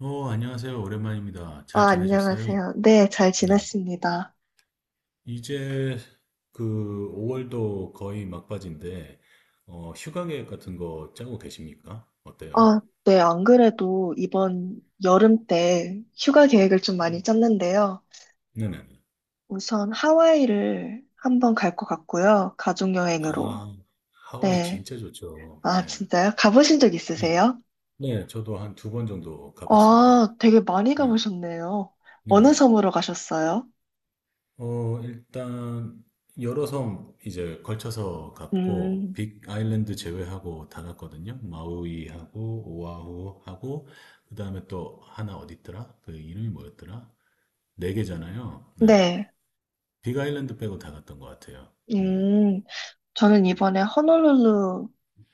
안녕하세요. 오랜만입니다. 잘 아, 지내셨어요? 안녕하세요. 네, 잘 네. 지냈습니다. 이제 그 5월도 거의 막바지인데, 휴가 계획 같은 거 짜고 계십니까? 어때요? 아, 네, 안 그래도 이번 여름 때 휴가 계획을 좀 많이 음. 짰는데요. 네네. 우선 하와이를 한번 갈 것 같고요. 가족 여행으로. 아, 하와이 네. 진짜 좋죠. 아, 네. 진짜요? 가보신 적 네. 있으세요? 네, 저도 한 두 번 정도 가봤습니다. 아, 되게 많이 네. 가보셨네요. 어느 네네. 섬으로 가셨어요? 일단 여러 섬 이제 걸쳐서 갔고 음, 빅 아일랜드 제외하고 다 갔거든요. 마우이하고 오아후하고 그다음에 또 하나 어디 있더라? 그 이름이 뭐였더라? 네 개잖아요. 네. 네. 빅 아일랜드 빼고 다 갔던 것 같아요. 음. 음, 저는 이번에 호놀룰루를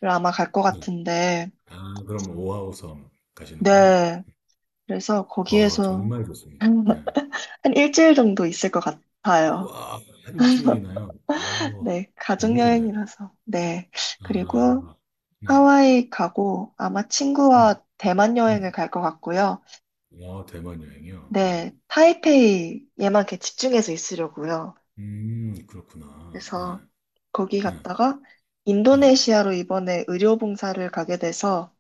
아마 갈 것 네. 같은데, 아, 그럼 오아후 섬 가시는구나. 네. 그래서 아, 거기에서 정말 좋습니다. 네. 한 일주일 정도 있을 것 같아요. 우와, 한 일주일이나요? 어, 네, 너무 좋네요. 가족여행이라서. 네. 그리고 아, 네. 하와이 가고 아마 음, 친구와 대만 여행을 음. 갈 것 같고요. 와, 대만 여행이요? 네, 어. 타이페이에만 이렇게 집중해서 있으려고요. 그렇구나. 그래서 거기 네, 네, 갔다가 네, 인도네시아로 이번에 의료봉사를 가게 돼서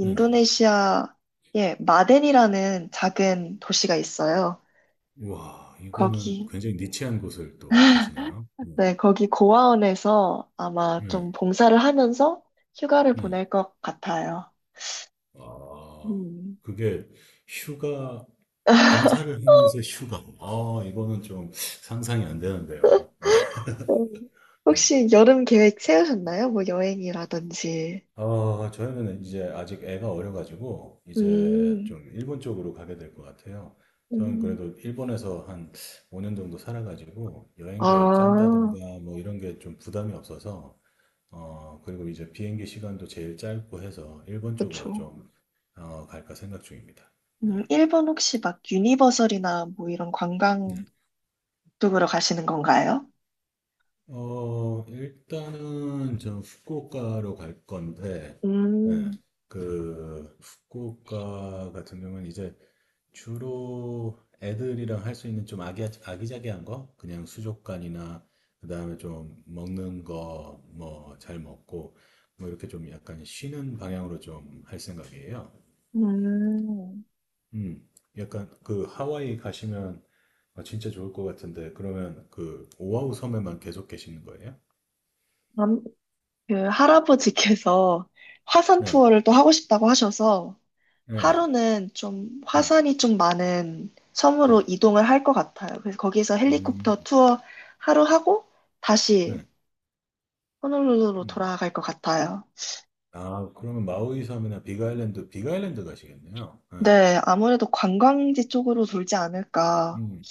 네, 네, 네. 마덴이라는 작은 도시가 있어요. 와, 이거는 거기, 굉장히 니치한 곳을 또 가시네요. 네, 거기 고아원에서 아마 네, 좀 봉사를 하면서 휴가를 네. 보낼 것 같아요. 아, 음. 그게 휴가, 봉사를 하면서 휴가. 아, 이거는 좀 상상이 안 되는데요. 네, 음. 네. 혹시 여름 계획 세우셨나요? 뭐 여행이라든지. 저희는 이제 아직 애가 어려가지고 이제 음, 좀 일본 쪽으로 가게 될 것 같아요. 저는 음. 그래도 일본에서 한 5년 정도 살아가지고 여행 계획 아, 짠다든가 뭐 이런 게 좀 부담이 없어서 그리고 이제 비행기 시간도 제일 짧고 해서 일본 쪽으로 그쵸. 좀 갈까 생각 중입니다. 네. 일본 혹시 막 유니버설이나 뭐 이런 네. 관광 쪽으로 가시는 건가요? 일단은 저 후쿠오카로 갈 건데 네. 음, 그 후쿠오카 같은 경우는 이제 주로 애들이랑 할 수 있는 좀 아기자기한 거? 그냥 수족관이나, 그 다음에 좀 먹는 거, 뭐, 잘 먹고, 뭐, 이렇게 좀 약간 쉬는 방향으로 좀 할 생각이에요. 음. 음, 약간 그 하와이 가시면 아, 진짜 좋을 것 같은데, 그러면 그 오아후 섬에만 계속 계시는 거예요? 남- 그 할아버지께서 화산 네, 투어를 또 하고 싶다고 하셔서 네, 하루는 좀 네, 화산이 좀 많은 네. 섬으로 이동을 할 것 같아요. 그래서 거기서 헬리콥터 음, 투어 하루 하고 다시 네. 호놀룰루로 음. 돌아갈 것 같아요. 아, 그러면 마우이 섬이나 빅아일랜드 가시겠네요. 네. 네, 아무래도 관광지 쪽으로 돌지 않을까 음.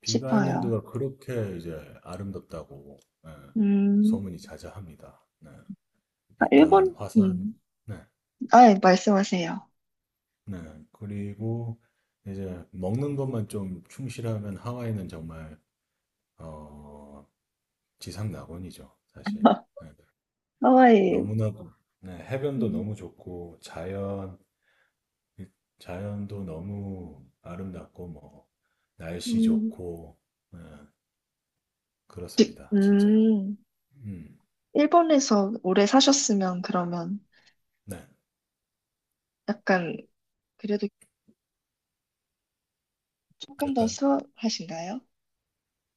빅 싶어요. 아일랜드가 그렇게 이제 아름답다고 네, 음, 소문이 자자합니다. 네, 아, 약간 일본? 화산, 네, 아, 예, 말씀하세요. 네. 그리고 이제 먹는 것만 좀 충실하면 하와이는 정말 어, 지상 낙원이죠, 사실. 네, 하와이. 너무나도 네, 해변도 음, 너무 좋고 자연도 너무 아름답고 뭐 날씨 음, 좋고 네, 지- 그렇습니다, 진짜. 음, 음, 일본에서 오래 사셨으면 그러면 네, 약간 그래도 조금 더 약간 수월하신가요?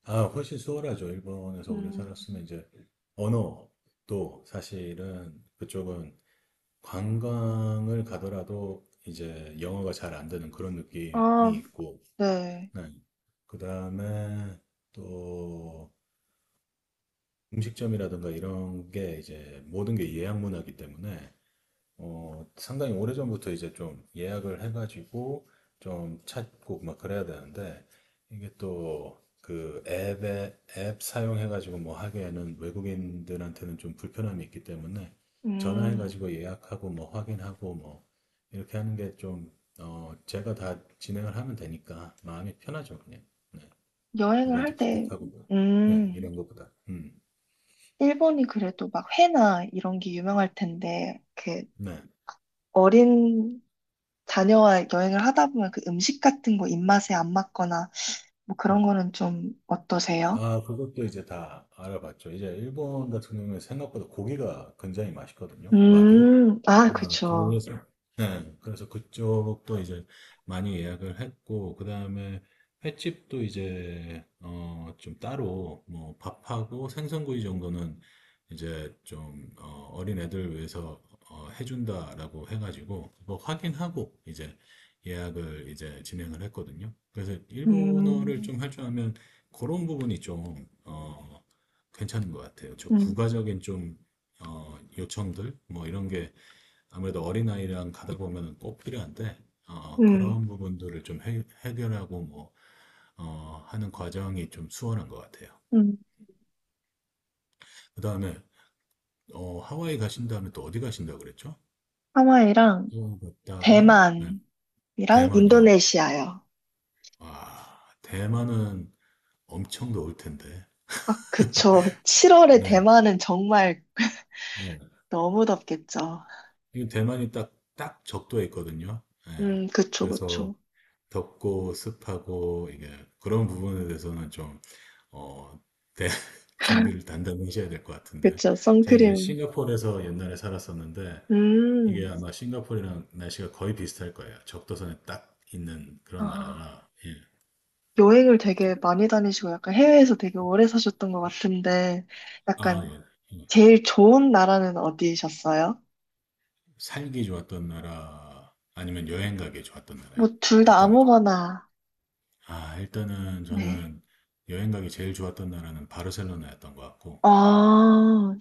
아, 훨씬 수월하죠. 일본에서 오래 음. 살았으면 이제 언어도 사실은 그쪽은 관광을 가더라도 이제 영어가 잘 안 되는 그런 느낌이 아, 있고, 네. 네. 그다음에 또 음식점이라든가 이런 게 이제 모든 게 예약 문화이기 때문에 상당히 오래전부터 이제 좀 예약을 해가지고 좀 찾고 막 그래야 되는데 이게 또 그 앱에 앱 사용해가지고 뭐 하기에는 외국인들한테는 좀 불편함이 있기 때문에 음, 전화해가지고 예약하고 뭐 확인하고 뭐 이렇게 하는 게 좀, 제가 다 진행을 하면 되니까 마음이 편하죠, 그냥. 네. 여행을 할 누구한테 때, 부탁하고 뭐. 네, 음, 이런 것보다. 일본이 그래도 막 회나 이런 게 유명할 텐데, 이렇게 네. 어린 자녀와 여행을 하다 보면 그 음식 같은 거 입맛에 안 맞거나, 뭐 그런 거는 좀 어떠세요? 아, 그것도 이제 다 알아봤죠. 이제 일본 같은 경우에 생각보다 고기가 굉장히 맛있거든요. 와규. 아, 아, 그쵸. 그래서, 네, 네. 그래서 그쪽도 이제 많이 예약을 했고, 그 다음에 횟집도 이제, 좀 따로, 뭐, 밥하고 생선구이 정도는 이제 좀, 어린 애들 위해서, 해준다라고 해가지고, 그거 확인하고 이제 예약을 이제 진행을 했거든요. 그래서 일본어를 음, 좀 할 줄 알면 그런 부분이 좀, 괜찮은 것 같아요. 저 음, 부가적인 좀, 요청들, 뭐 이런 게 아무래도 어린아이랑 가다 보면은 꼭 필요한데, 음, 그런 부분들을 좀 해결하고 뭐, 하는 과정이 좀 수월한 것 같아요. 음. 그 다음에, 하와이 가신 다음에 또 어디 가신다고 그랬죠? 하와이랑 또 갔다가, 네, 대만이랑 대만이요. 인도네시아요. 와, 대만은 엄청 더울 텐데. 아, 그쵸. 7월에 네, 대만은 정말 네. 너무 덥겠죠. 이 대만이 딱, 딱 적도에 있거든요. 네. 그쵸, 그래서 그쵸. 덥고 습하고, 이게, 그런 부분에 대해서는 좀 어, 대, 준비를 단단히 하셔야 될 것 같은데. 그쵸, 제가 이제 선크림. 싱가포르에서 옛날에 살았었는데, 이게 음. 아마 싱가포르랑 날씨가 거의 비슷할 거예요. 적도선에 딱 있는 그런 아, 나라라, 예. 여행을 되게 많이 다니시고 약간 해외에서 되게 오래 사셨던 것 같은데 아, 약간 예. 예. 제일 좋은 나라는 어디셨어요? 살기 좋았던 나라, 아니면 여행 가기 좋았던 뭐 나라요? 둘 다 어떤 게 좋아요? 아무거나. 아, 일단은 네. 저는 여행 가기 제일 좋았던 나라는 바르셀로나였던 것 같고, 아,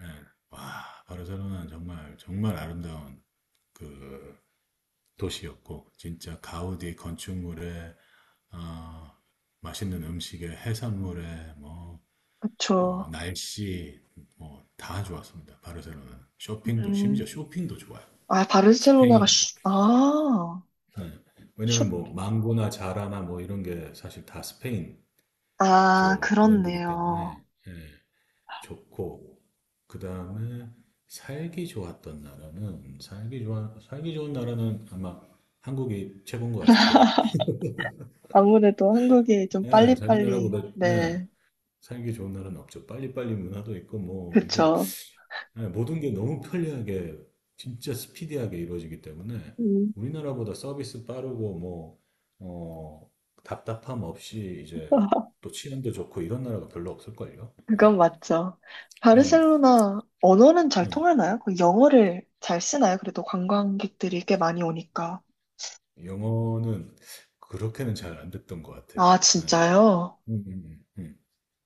예. 와, 바르셀로나는 정말, 정말 아름다운 그 도시였고 진짜 가우디 건축물에 어, 맛있는 음식에 해산물에 뭐 그쵸. 날씨 뭐 다 좋았습니다. 바르셀로나는 쇼핑도 심지어 음. 쇼핑도 좋아요. 아, 바르셀로나가 스페인 아, 네. 왜냐면 슈, 뭐 망고나 자라나 뭐 이런 게 사실 다 스페인 아, 쪽 브랜드이기 그렇네요. 때문에 예, 좋고 그 다음에 살기 좋았던 나라는 살기 좋은 나라는 아마 한국이 최고인 것 같아요. 아무래도 한국이 좀 예, 자기 빨리빨리, 나라보다 네, 네. 살기 좋은 나라는 없죠. 빨리빨리 문화도 있고 뭐 이게 그쵸. 예, 모든 게 너무 편리하게 진짜 스피디하게 이루어지기 때문에 음. 우리나라보다 서비스 빠르고 뭐 어, 답답함 없이 이제 또 치안도 좋고 이런 나라가 별로 없을걸요. 예, 그건 맞죠. 예, 바르셀로나 언어는 잘 음. 통하나요? 그 영어를 잘 쓰나요? 그래도 관광객들이 꽤 많이 오니까. 영어는 그렇게는 잘 안 됐던 것 같아요. 아, 예, 진짜요? 음, 음, 음.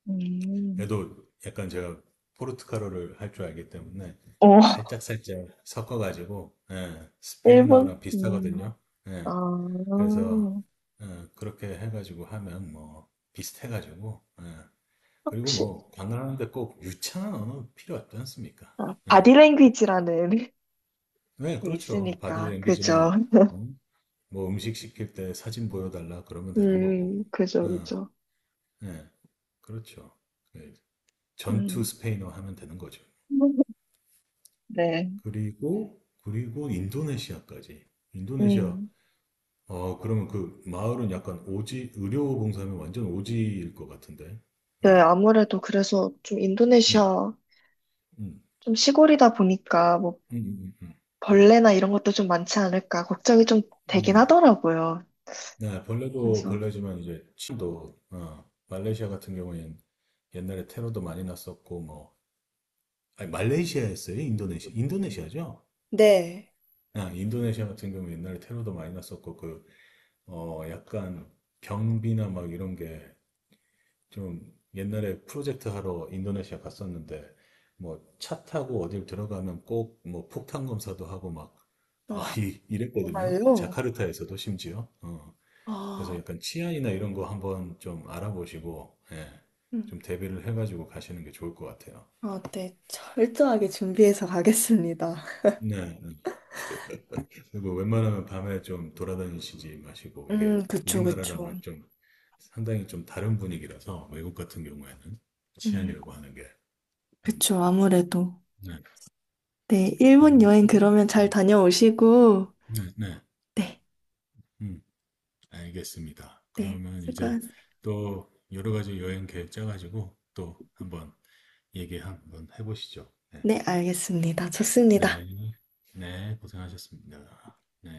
음, 그래도 약간 제가 포르투갈어를 할 줄 알기 때문에 어, 살짝살짝 섞어가지고 예, 일본, 스페인어랑 비슷하거든요. 아, 예, 그래서 예, 그렇게 해가지고 하면 뭐 비슷해가지고 예, 그리고 혹시, 뭐 관광하는데 꼭 유창한 언어 필요 없지 않습니까? 아, 예. 바디랭귀지라는 네, 게 그렇죠. 있으니까, 그죠? 바디랭귀지랑 어? 뭐 음식 시킬 때 사진 보여달라 그러면 되는 거고 뭐. 그죠, 그죠. 예, 예, 그렇죠. 예, 전투 음, 스페인어 하면 되는 거죠. 네, 그리고 인도네시아까지. 인도네시아, 음. 아, 그러면 그 마을은 약간 오지, 의료봉사하면 완전 오지일 것 같은데. 네, 네. 아무래도 그래서 좀 네. 인도네시아, 음, 좀 시골이다 보니까, 뭐 음, 음, 음, 음, 벌레나 이런 것도 좀 많지 않을까 걱정이 좀 되긴 음. 하더라고요. 네, 벌레도 그래서 벌레지만 이제 침도, 말레이시아 같은 경우엔 옛날에 테러도 많이 났었고, 뭐, 아니, 말레이시아였어요? 인도네시아? 인도네시아죠? 네. 아, 인도네시아 같은 경우 옛날에 테러도 많이 났었고, 그, 약간 경비나 막 이런 게 좀 옛날에 프로젝트 하러 인도네시아 갔었는데 뭐 차 타고 어딜 들어가면 꼭 뭐 폭탄 검사도 하고 막 아, 아, 이랬거든요. 정말요? 자카르타에서도 심지어. 그래서 아, 약간 치안이나 이런 거 한번 좀 알아보시고 예, 음. 좀 대비를 해가지고 가시는 게 좋을 것 같아요. 아, 네. 참 철저하게 준비해서 가겠습니다. 네. 네. 그리고 웬만하면 밤에 좀 돌아다니시지 마시고 이게 그쵸, 그쵸. 우리나라랑은 좀 상당히 좀 다른 분위기라서 외국 같은 경우에는 음, 치안이라고 하는 게 음, 그쵸, 아무래도. 네. 네, 일본 그리고 여행 그러면 잘 다녀오시고, 네, 네, 네, 음, 알겠습니다. 네, 그러면 이제 수고하세요. 또 여러 가지 여행 계획 짜가지고 또 한번 얘기 한번 해보시죠. 네, 네, 알겠습니다. 네, 좋습니다. 네, 고생하셨습니다.